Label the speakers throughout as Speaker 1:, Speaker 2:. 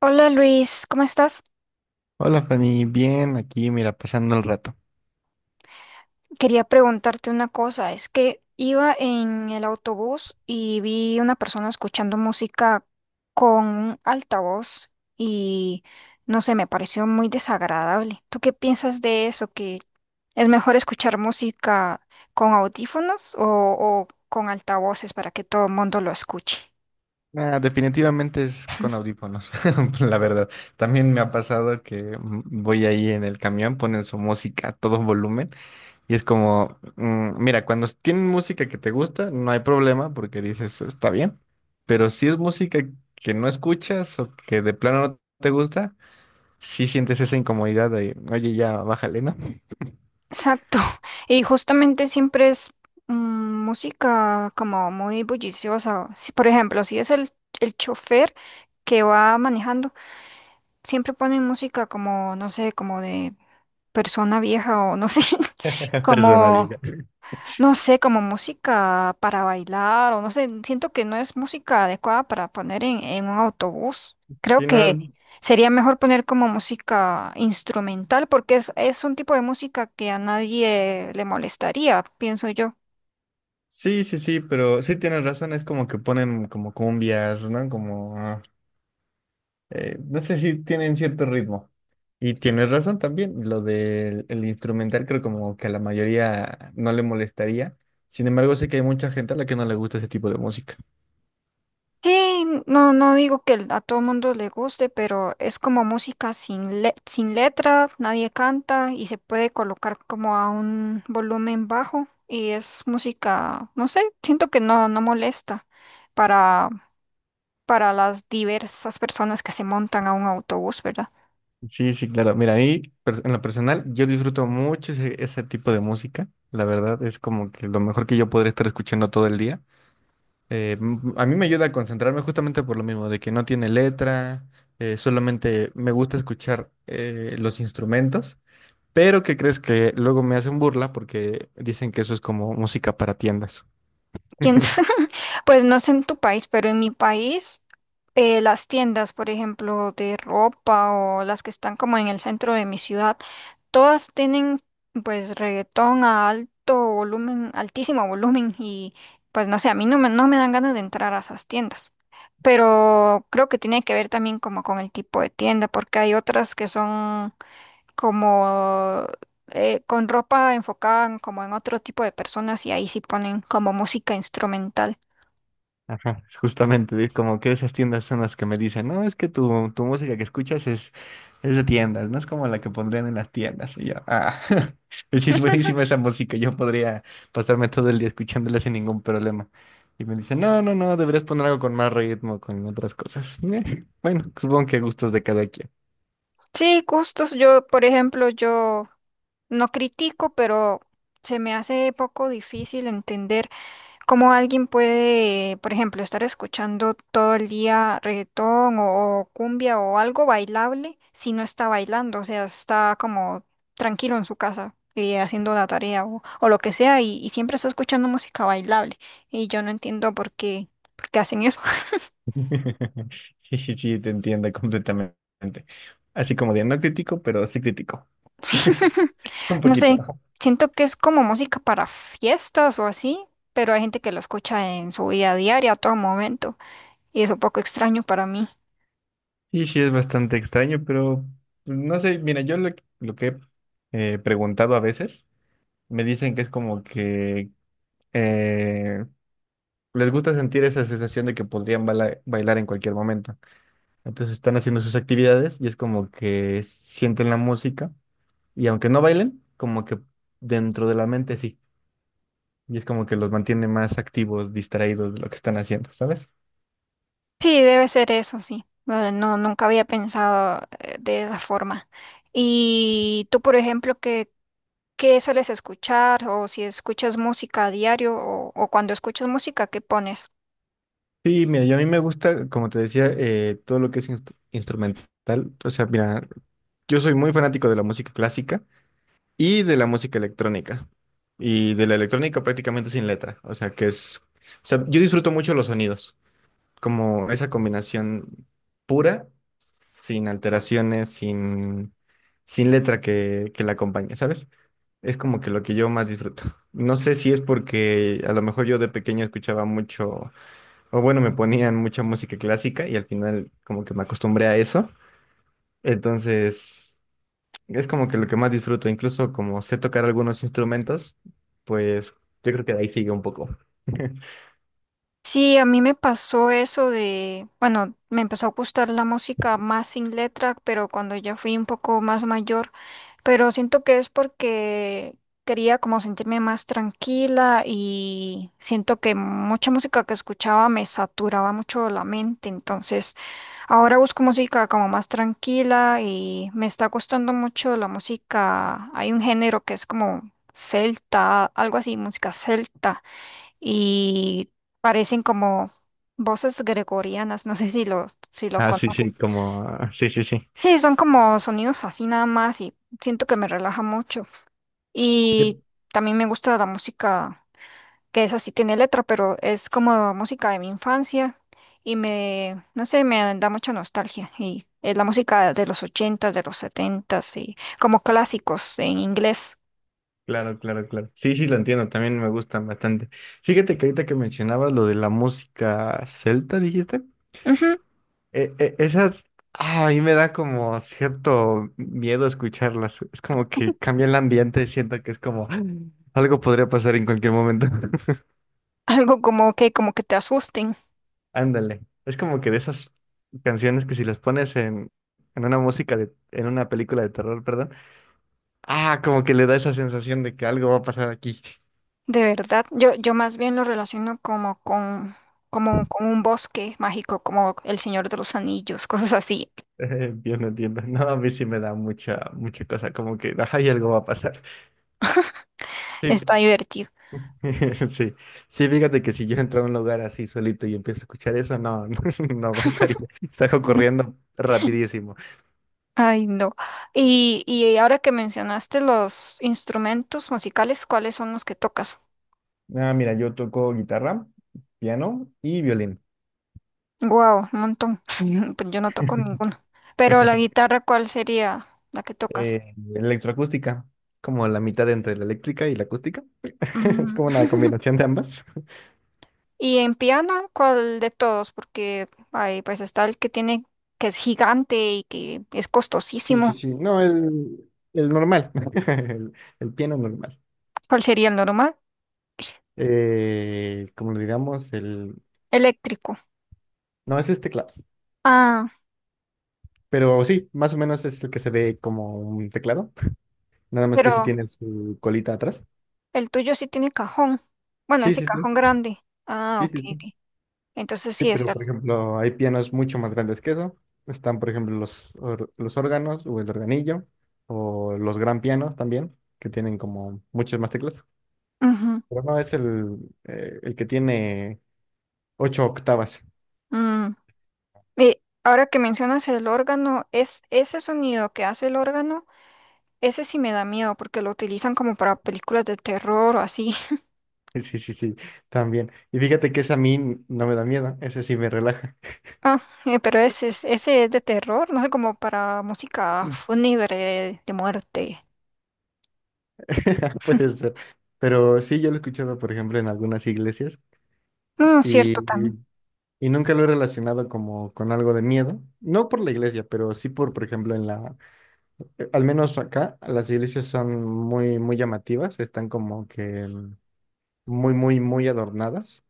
Speaker 1: Hola Luis, ¿cómo estás?
Speaker 2: Hola Fanny, bien, aquí mira, pasando el rato.
Speaker 1: Quería preguntarte una cosa. Es que iba en el autobús y vi una persona escuchando música con un altavoz y no sé, me pareció muy desagradable. ¿Tú qué piensas de eso? ¿Que es mejor escuchar música con audífonos o con altavoces para que todo el mundo lo escuche?
Speaker 2: Ah, definitivamente es con audífonos, la verdad. También me ha pasado que voy ahí en el camión, ponen su música a todo volumen y es como, mira, cuando tienen música que te gusta, no hay problema porque dices, está bien, pero si es música que no escuchas o que de plano no te gusta, sí sientes esa incomodidad de, oye, ya, bájale, ¿no?
Speaker 1: Exacto. Y justamente siempre es mm, música como muy bulliciosa. Si, por ejemplo, si es el chofer que va manejando, siempre ponen música como, no sé, como de persona vieja o no sé,
Speaker 2: Persona diga.
Speaker 1: como, no sé, como música para bailar o no sé, siento que no es música adecuada para poner en un autobús. Creo
Speaker 2: Sí,
Speaker 1: que
Speaker 2: no.
Speaker 1: sería mejor poner como música instrumental porque es un tipo de música que a nadie le molestaría, pienso yo.
Speaker 2: Sí, sí, sí, pero sí tienes razón, es como que ponen como cumbias, ¿no? Como, no sé si tienen cierto ritmo. Y tienes razón también, lo del el instrumental creo como que a la mayoría no le molestaría. Sin embargo, sé que hay mucha gente a la que no le gusta ese tipo de música.
Speaker 1: Sí, no, no digo que a todo mundo le guste, pero es como música sin letra, nadie canta y se puede colocar como a un volumen bajo y es música, no sé, siento que no molesta para, para las diversas personas que se montan a un autobús, ¿verdad?
Speaker 2: Sí, sí, claro. Mira, en lo personal yo disfruto mucho ese tipo de música. La verdad es como que lo mejor que yo podría estar escuchando todo el día. A mí me ayuda a concentrarme justamente por lo mismo, de que no tiene letra, solamente me gusta escuchar los instrumentos, pero ¿qué crees que luego me hacen burla porque dicen que eso es como música para tiendas?
Speaker 1: ¿Quién s- Pues no sé en tu país, pero en mi país las tiendas, por ejemplo, de ropa o las que están como en el centro de mi ciudad, todas tienen pues reggaetón a alto volumen, altísimo volumen y pues no sé, a mí no me dan ganas de entrar a esas tiendas. Pero creo que tiene que ver también como con el tipo de tienda, porque hay otras que son como con ropa como en otro tipo de personas y ahí sí ponen como música instrumental.
Speaker 2: Ajá, es justamente, es como que esas tiendas son las que me dicen, no, es que tu música que escuchas es de tiendas, no es como la que pondrían en las tiendas. Y yo, ah, sí, es buenísima esa música, yo podría pasarme todo el día escuchándola sin ningún problema. Y me dicen, no, no, no, deberías poner algo con más ritmo, con otras cosas. Bueno, supongo que gustos de cada quien.
Speaker 1: Sí, gustos. Yo, por ejemplo, yo no critico, pero se me hace poco difícil entender cómo alguien puede, por ejemplo, estar escuchando todo el día reggaetón o cumbia o algo bailable si no está bailando, o sea, está como tranquilo en su casa y haciendo la tarea o lo que sea y siempre está escuchando música bailable. Y yo no entiendo por qué hacen eso.
Speaker 2: Sí, sí, sí, te entiendo completamente. Así como de, no critico, pero sí critico.
Speaker 1: Sí,
Speaker 2: Un
Speaker 1: no
Speaker 2: poquito.
Speaker 1: sé, siento que es como música para fiestas o así, pero hay gente que lo escucha en su vida diaria a todo momento y es un poco extraño para mí.
Speaker 2: Y sí, es bastante extraño, pero pues, no sé, mira, lo que he preguntado a veces, me dicen que es como que eh, les gusta sentir esa sensación de que podrían bailar en cualquier momento. Entonces están haciendo sus actividades y es como que sienten la música y aunque no bailen, como que dentro de la mente sí. Y es como que los mantiene más activos, distraídos de lo que están haciendo, ¿sabes?
Speaker 1: Sí, debe ser eso, sí. No, no, nunca había pensado de esa forma. Y tú, por ejemplo, ¿qué, qué sueles escuchar o si escuchas música a diario o cuando escuchas música, ¿qué pones?
Speaker 2: Sí, mira, yo a mí me gusta, como te decía, todo lo que es instrumental. O sea, mira, yo soy muy fanático de la música clásica y de la música electrónica. Y de la electrónica prácticamente sin letra. O sea, que es… O sea, yo disfruto mucho los sonidos, como esa combinación pura, sin alteraciones, sin letra que la acompañe, ¿sabes? Es como que lo que yo más disfruto. No sé si es porque a lo mejor yo de pequeño escuchaba mucho, o bueno, me ponían mucha música clásica y al final como que me acostumbré a eso. Entonces… es como que lo que más disfruto, incluso como sé tocar algunos instrumentos, pues yo creo que de ahí sigue un poco.
Speaker 1: Sí, a mí me pasó eso de, bueno, me empezó a gustar la música más sin letra, pero cuando ya fui un poco más mayor, pero siento que es porque quería como sentirme más tranquila y siento que mucha música que escuchaba me saturaba mucho la mente, entonces ahora busco música como más tranquila y me está gustando mucho la música, hay un género que es como celta, algo así, música celta y parecen como voces gregorianas, no sé si lo
Speaker 2: Ah, sí,
Speaker 1: conozco.
Speaker 2: sí, como, sí, sí, sí.
Speaker 1: Sí, son como sonidos así nada más y siento que me relaja mucho. Y
Speaker 2: Fíjate.
Speaker 1: también me gusta la música, que es así, tiene letra, pero es como música de mi infancia y me, no sé, me da mucha nostalgia. Y es la música de los ochentas, de los setentas y como clásicos en inglés.
Speaker 2: Claro, claro, claro. Sí, sí, lo entiendo, también me gustan bastante. Fíjate que ahorita que mencionabas lo de la música celta, dijiste,
Speaker 1: Ujú, ujú.
Speaker 2: esas, ah, a mí me da como cierto miedo escucharlas. Es como que cambia el ambiente, siento que es como "Ah, algo podría pasar en cualquier momento".
Speaker 1: Algo como que te asusten.
Speaker 2: Ándale. Es como que de esas canciones que si las pones en una música de, en una película de terror, perdón, ah, como que le da esa sensación de que algo va a pasar aquí.
Speaker 1: De verdad, yo más bien lo relaciono como con un bosque mágico, como El Señor de los Anillos, cosas así.
Speaker 2: Entiendo, entiendo. No, a mí sí me da mucha, mucha cosa, como que, ajá, y algo va a pasar. Sí,
Speaker 1: Está divertido.
Speaker 2: sí, sí, fíjate que si yo entro a un lugar así solito y empiezo a escuchar eso, no, no, no aguantaría. Salgo
Speaker 1: Ujú.
Speaker 2: corriendo rapidísimo.
Speaker 1: Ay, no. Y ahora que mencionaste los instrumentos musicales, ¿cuáles son los que tocas?
Speaker 2: Ah, mira, yo toco guitarra, piano y violín.
Speaker 1: Wow, un montón. Pues yo no toco ninguno. Pero la guitarra, ¿cuál sería la que tocas?
Speaker 2: Electroacústica, como la mitad entre la eléctrica y la acústica. Es
Speaker 1: Mm.
Speaker 2: como una combinación de ambas.
Speaker 1: Y en piano, ¿cuál de todos? Porque ay, pues está el que tiene, que es gigante y que es
Speaker 2: Sí, sí,
Speaker 1: costosísimo.
Speaker 2: sí. No, el normal, el, el piano normal.
Speaker 1: ¿Cuál sería el normal?
Speaker 2: Como le digamos, el…
Speaker 1: Eléctrico.
Speaker 2: No, ese es teclado,
Speaker 1: Ah,
Speaker 2: pero sí, más o menos es el que se ve como un teclado, nada más que si
Speaker 1: pero
Speaker 2: tiene su colita atrás.
Speaker 1: el tuyo sí tiene cajón. Bueno,
Speaker 2: Sí,
Speaker 1: ese
Speaker 2: sí, sí,
Speaker 1: cajón grande. Ah,
Speaker 2: sí,
Speaker 1: ok.
Speaker 2: sí, sí.
Speaker 1: Ok. Entonces
Speaker 2: Sí,
Speaker 1: sí es
Speaker 2: pero por
Speaker 1: algo.
Speaker 2: ejemplo, hay pianos mucho más grandes que eso. Están, por ejemplo, los órganos o el organillo o los gran pianos también, que tienen como muchas más teclas. Pero no es el que tiene ocho octavas.
Speaker 1: Y ahora que mencionas el órgano, es ese sonido que hace el órgano, ese sí me da miedo porque lo utilizan como para películas de terror o así.
Speaker 2: Sí, sí, sí, también. Y fíjate que ese a mí no me da miedo, ese sí me relaja.
Speaker 1: Ah, pero ese es de terror, no sé, como para música fúnebre de muerte.
Speaker 2: Puede ser. Pero sí, yo lo he escuchado, por ejemplo, en algunas iglesias
Speaker 1: No, cierto también.
Speaker 2: y, y nunca lo he relacionado como con algo de miedo. No por la iglesia, pero sí por ejemplo, en la Al menos acá las iglesias son muy, muy llamativas, están como que muy, muy, muy adornadas.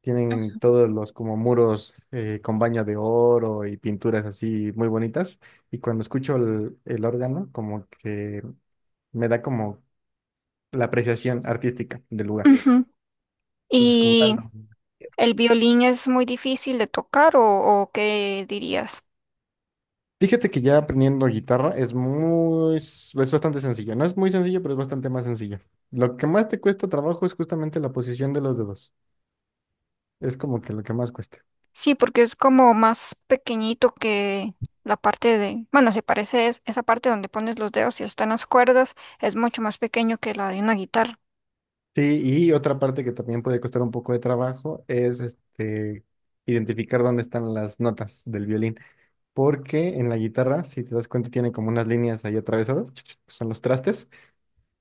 Speaker 2: Tienen todos los como muros con baño de oro y pinturas así muy bonitas. Y cuando escucho el órgano, como que me da como la apreciación artística del lugar.
Speaker 1: Ujú.
Speaker 2: Entonces, como tal,
Speaker 1: Y
Speaker 2: no.
Speaker 1: ¿el violín es muy difícil de tocar o qué dirías?
Speaker 2: Fíjate que ya aprendiendo guitarra es muy, es bastante sencillo. No es muy sencillo, pero es bastante más sencillo. Lo que más te cuesta trabajo es justamente la posición de los dedos. Es como que lo que más cuesta.
Speaker 1: Sí, porque es como más pequeñito que la parte de, bueno, se parece esa parte donde pones los dedos y están las cuerdas, es mucho más pequeño que la de una guitarra.
Speaker 2: Sí, y otra parte que también puede costar un poco de trabajo es este, identificar dónde están las notas del violín, porque en la guitarra, si te das cuenta, tiene como unas líneas ahí atravesadas, son los trastes,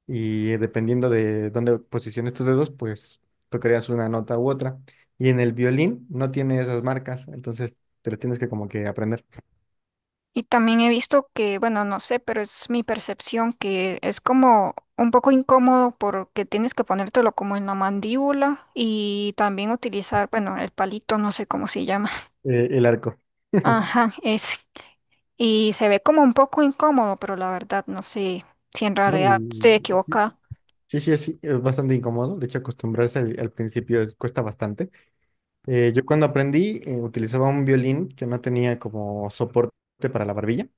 Speaker 2: y dependiendo de dónde posiciones tus dedos, pues tocarías una nota u otra. Y en el violín no tiene esas marcas, entonces te lo tienes que como que aprender.
Speaker 1: Y también he visto que, bueno, no sé, pero es mi percepción que es como un poco incómodo porque tienes que ponértelo como en la mandíbula y también utilizar, bueno, el palito, no sé cómo se llama.
Speaker 2: El arco.
Speaker 1: Ajá, es Y se ve como un poco incómodo, pero la verdad no sé si en
Speaker 2: ¿No?
Speaker 1: realidad estoy
Speaker 2: Y…
Speaker 1: equivocada.
Speaker 2: sí, sí, es bastante incómodo, de hecho acostumbrarse al principio cuesta bastante. Yo cuando aprendí utilizaba un violín que no tenía como soporte para la barbilla.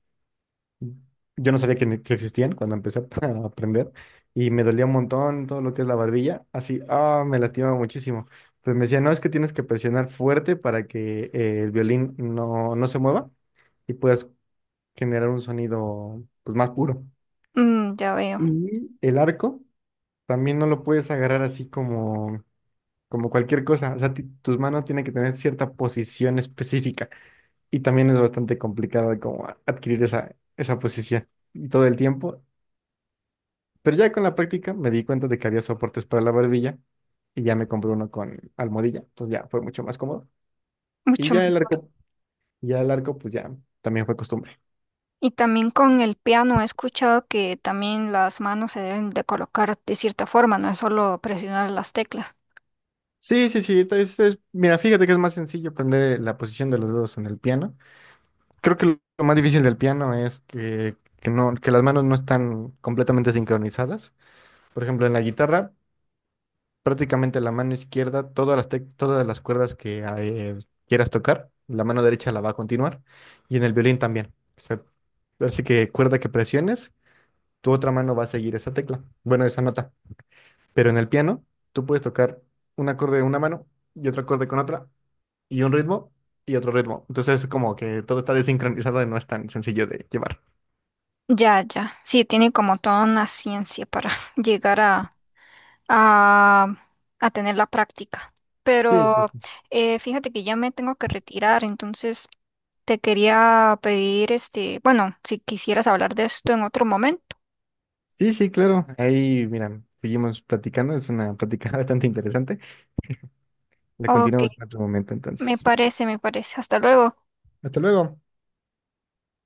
Speaker 2: Yo no sabía que, que existían cuando empecé a aprender y me dolía un montón todo lo que es la barbilla. Así, ah, me lastimaba muchísimo. Pues me decía, no, es que tienes que presionar fuerte para que el violín no, no se mueva y puedas generar un sonido pues, más puro.
Speaker 1: Mm, ya veo,
Speaker 2: Y el arco también no lo puedes agarrar así como, como cualquier cosa. O sea, tus manos tienen que tener cierta posición específica. Y también es bastante complicado de como adquirir esa posición y todo el tiempo. Pero ya con la práctica me di cuenta de que había soportes para la barbilla y ya me compré uno con almohadilla. Entonces ya fue mucho más cómodo. Y
Speaker 1: mucho mejor.
Speaker 2: ya el arco, pues ya también fue costumbre.
Speaker 1: Y también con el piano he escuchado que también las manos se deben de colocar de cierta forma, no es solo presionar las teclas.
Speaker 2: Sí, sí, sí. Mira, fíjate que es más sencillo aprender la posición de los dedos en el piano. Creo que lo más difícil del piano es que no, que las manos no están completamente sincronizadas. Por ejemplo, en la guitarra, prácticamente la mano izquierda, todas las, todas las cuerdas que quieras tocar, la mano derecha la va a continuar y en el violín también. O sea, así que cuerda que presiones, tu otra mano va a seguir esa tecla, bueno, esa nota. Pero en el piano, tú puedes tocar un acorde de una mano y otro acorde con otra y un ritmo y otro ritmo. Entonces, como que todo está desincronizado y no es tan sencillo de llevar.
Speaker 1: Ya, ya. Sí, tiene como toda una ciencia para llegar a, a tener la práctica.
Speaker 2: Sí,
Speaker 1: Pero
Speaker 2: sí, sí.
Speaker 1: fíjate que ya me tengo que retirar, entonces te quería pedir, este, bueno, si quisieras hablar de esto en otro momento.
Speaker 2: Sí, sí, claro. Ahí, miran, seguimos platicando. Es una plática bastante interesante. La
Speaker 1: Ok,
Speaker 2: continuamos en otro momento,
Speaker 1: me
Speaker 2: entonces.
Speaker 1: parece, me parece. Hasta luego.
Speaker 2: Hasta luego.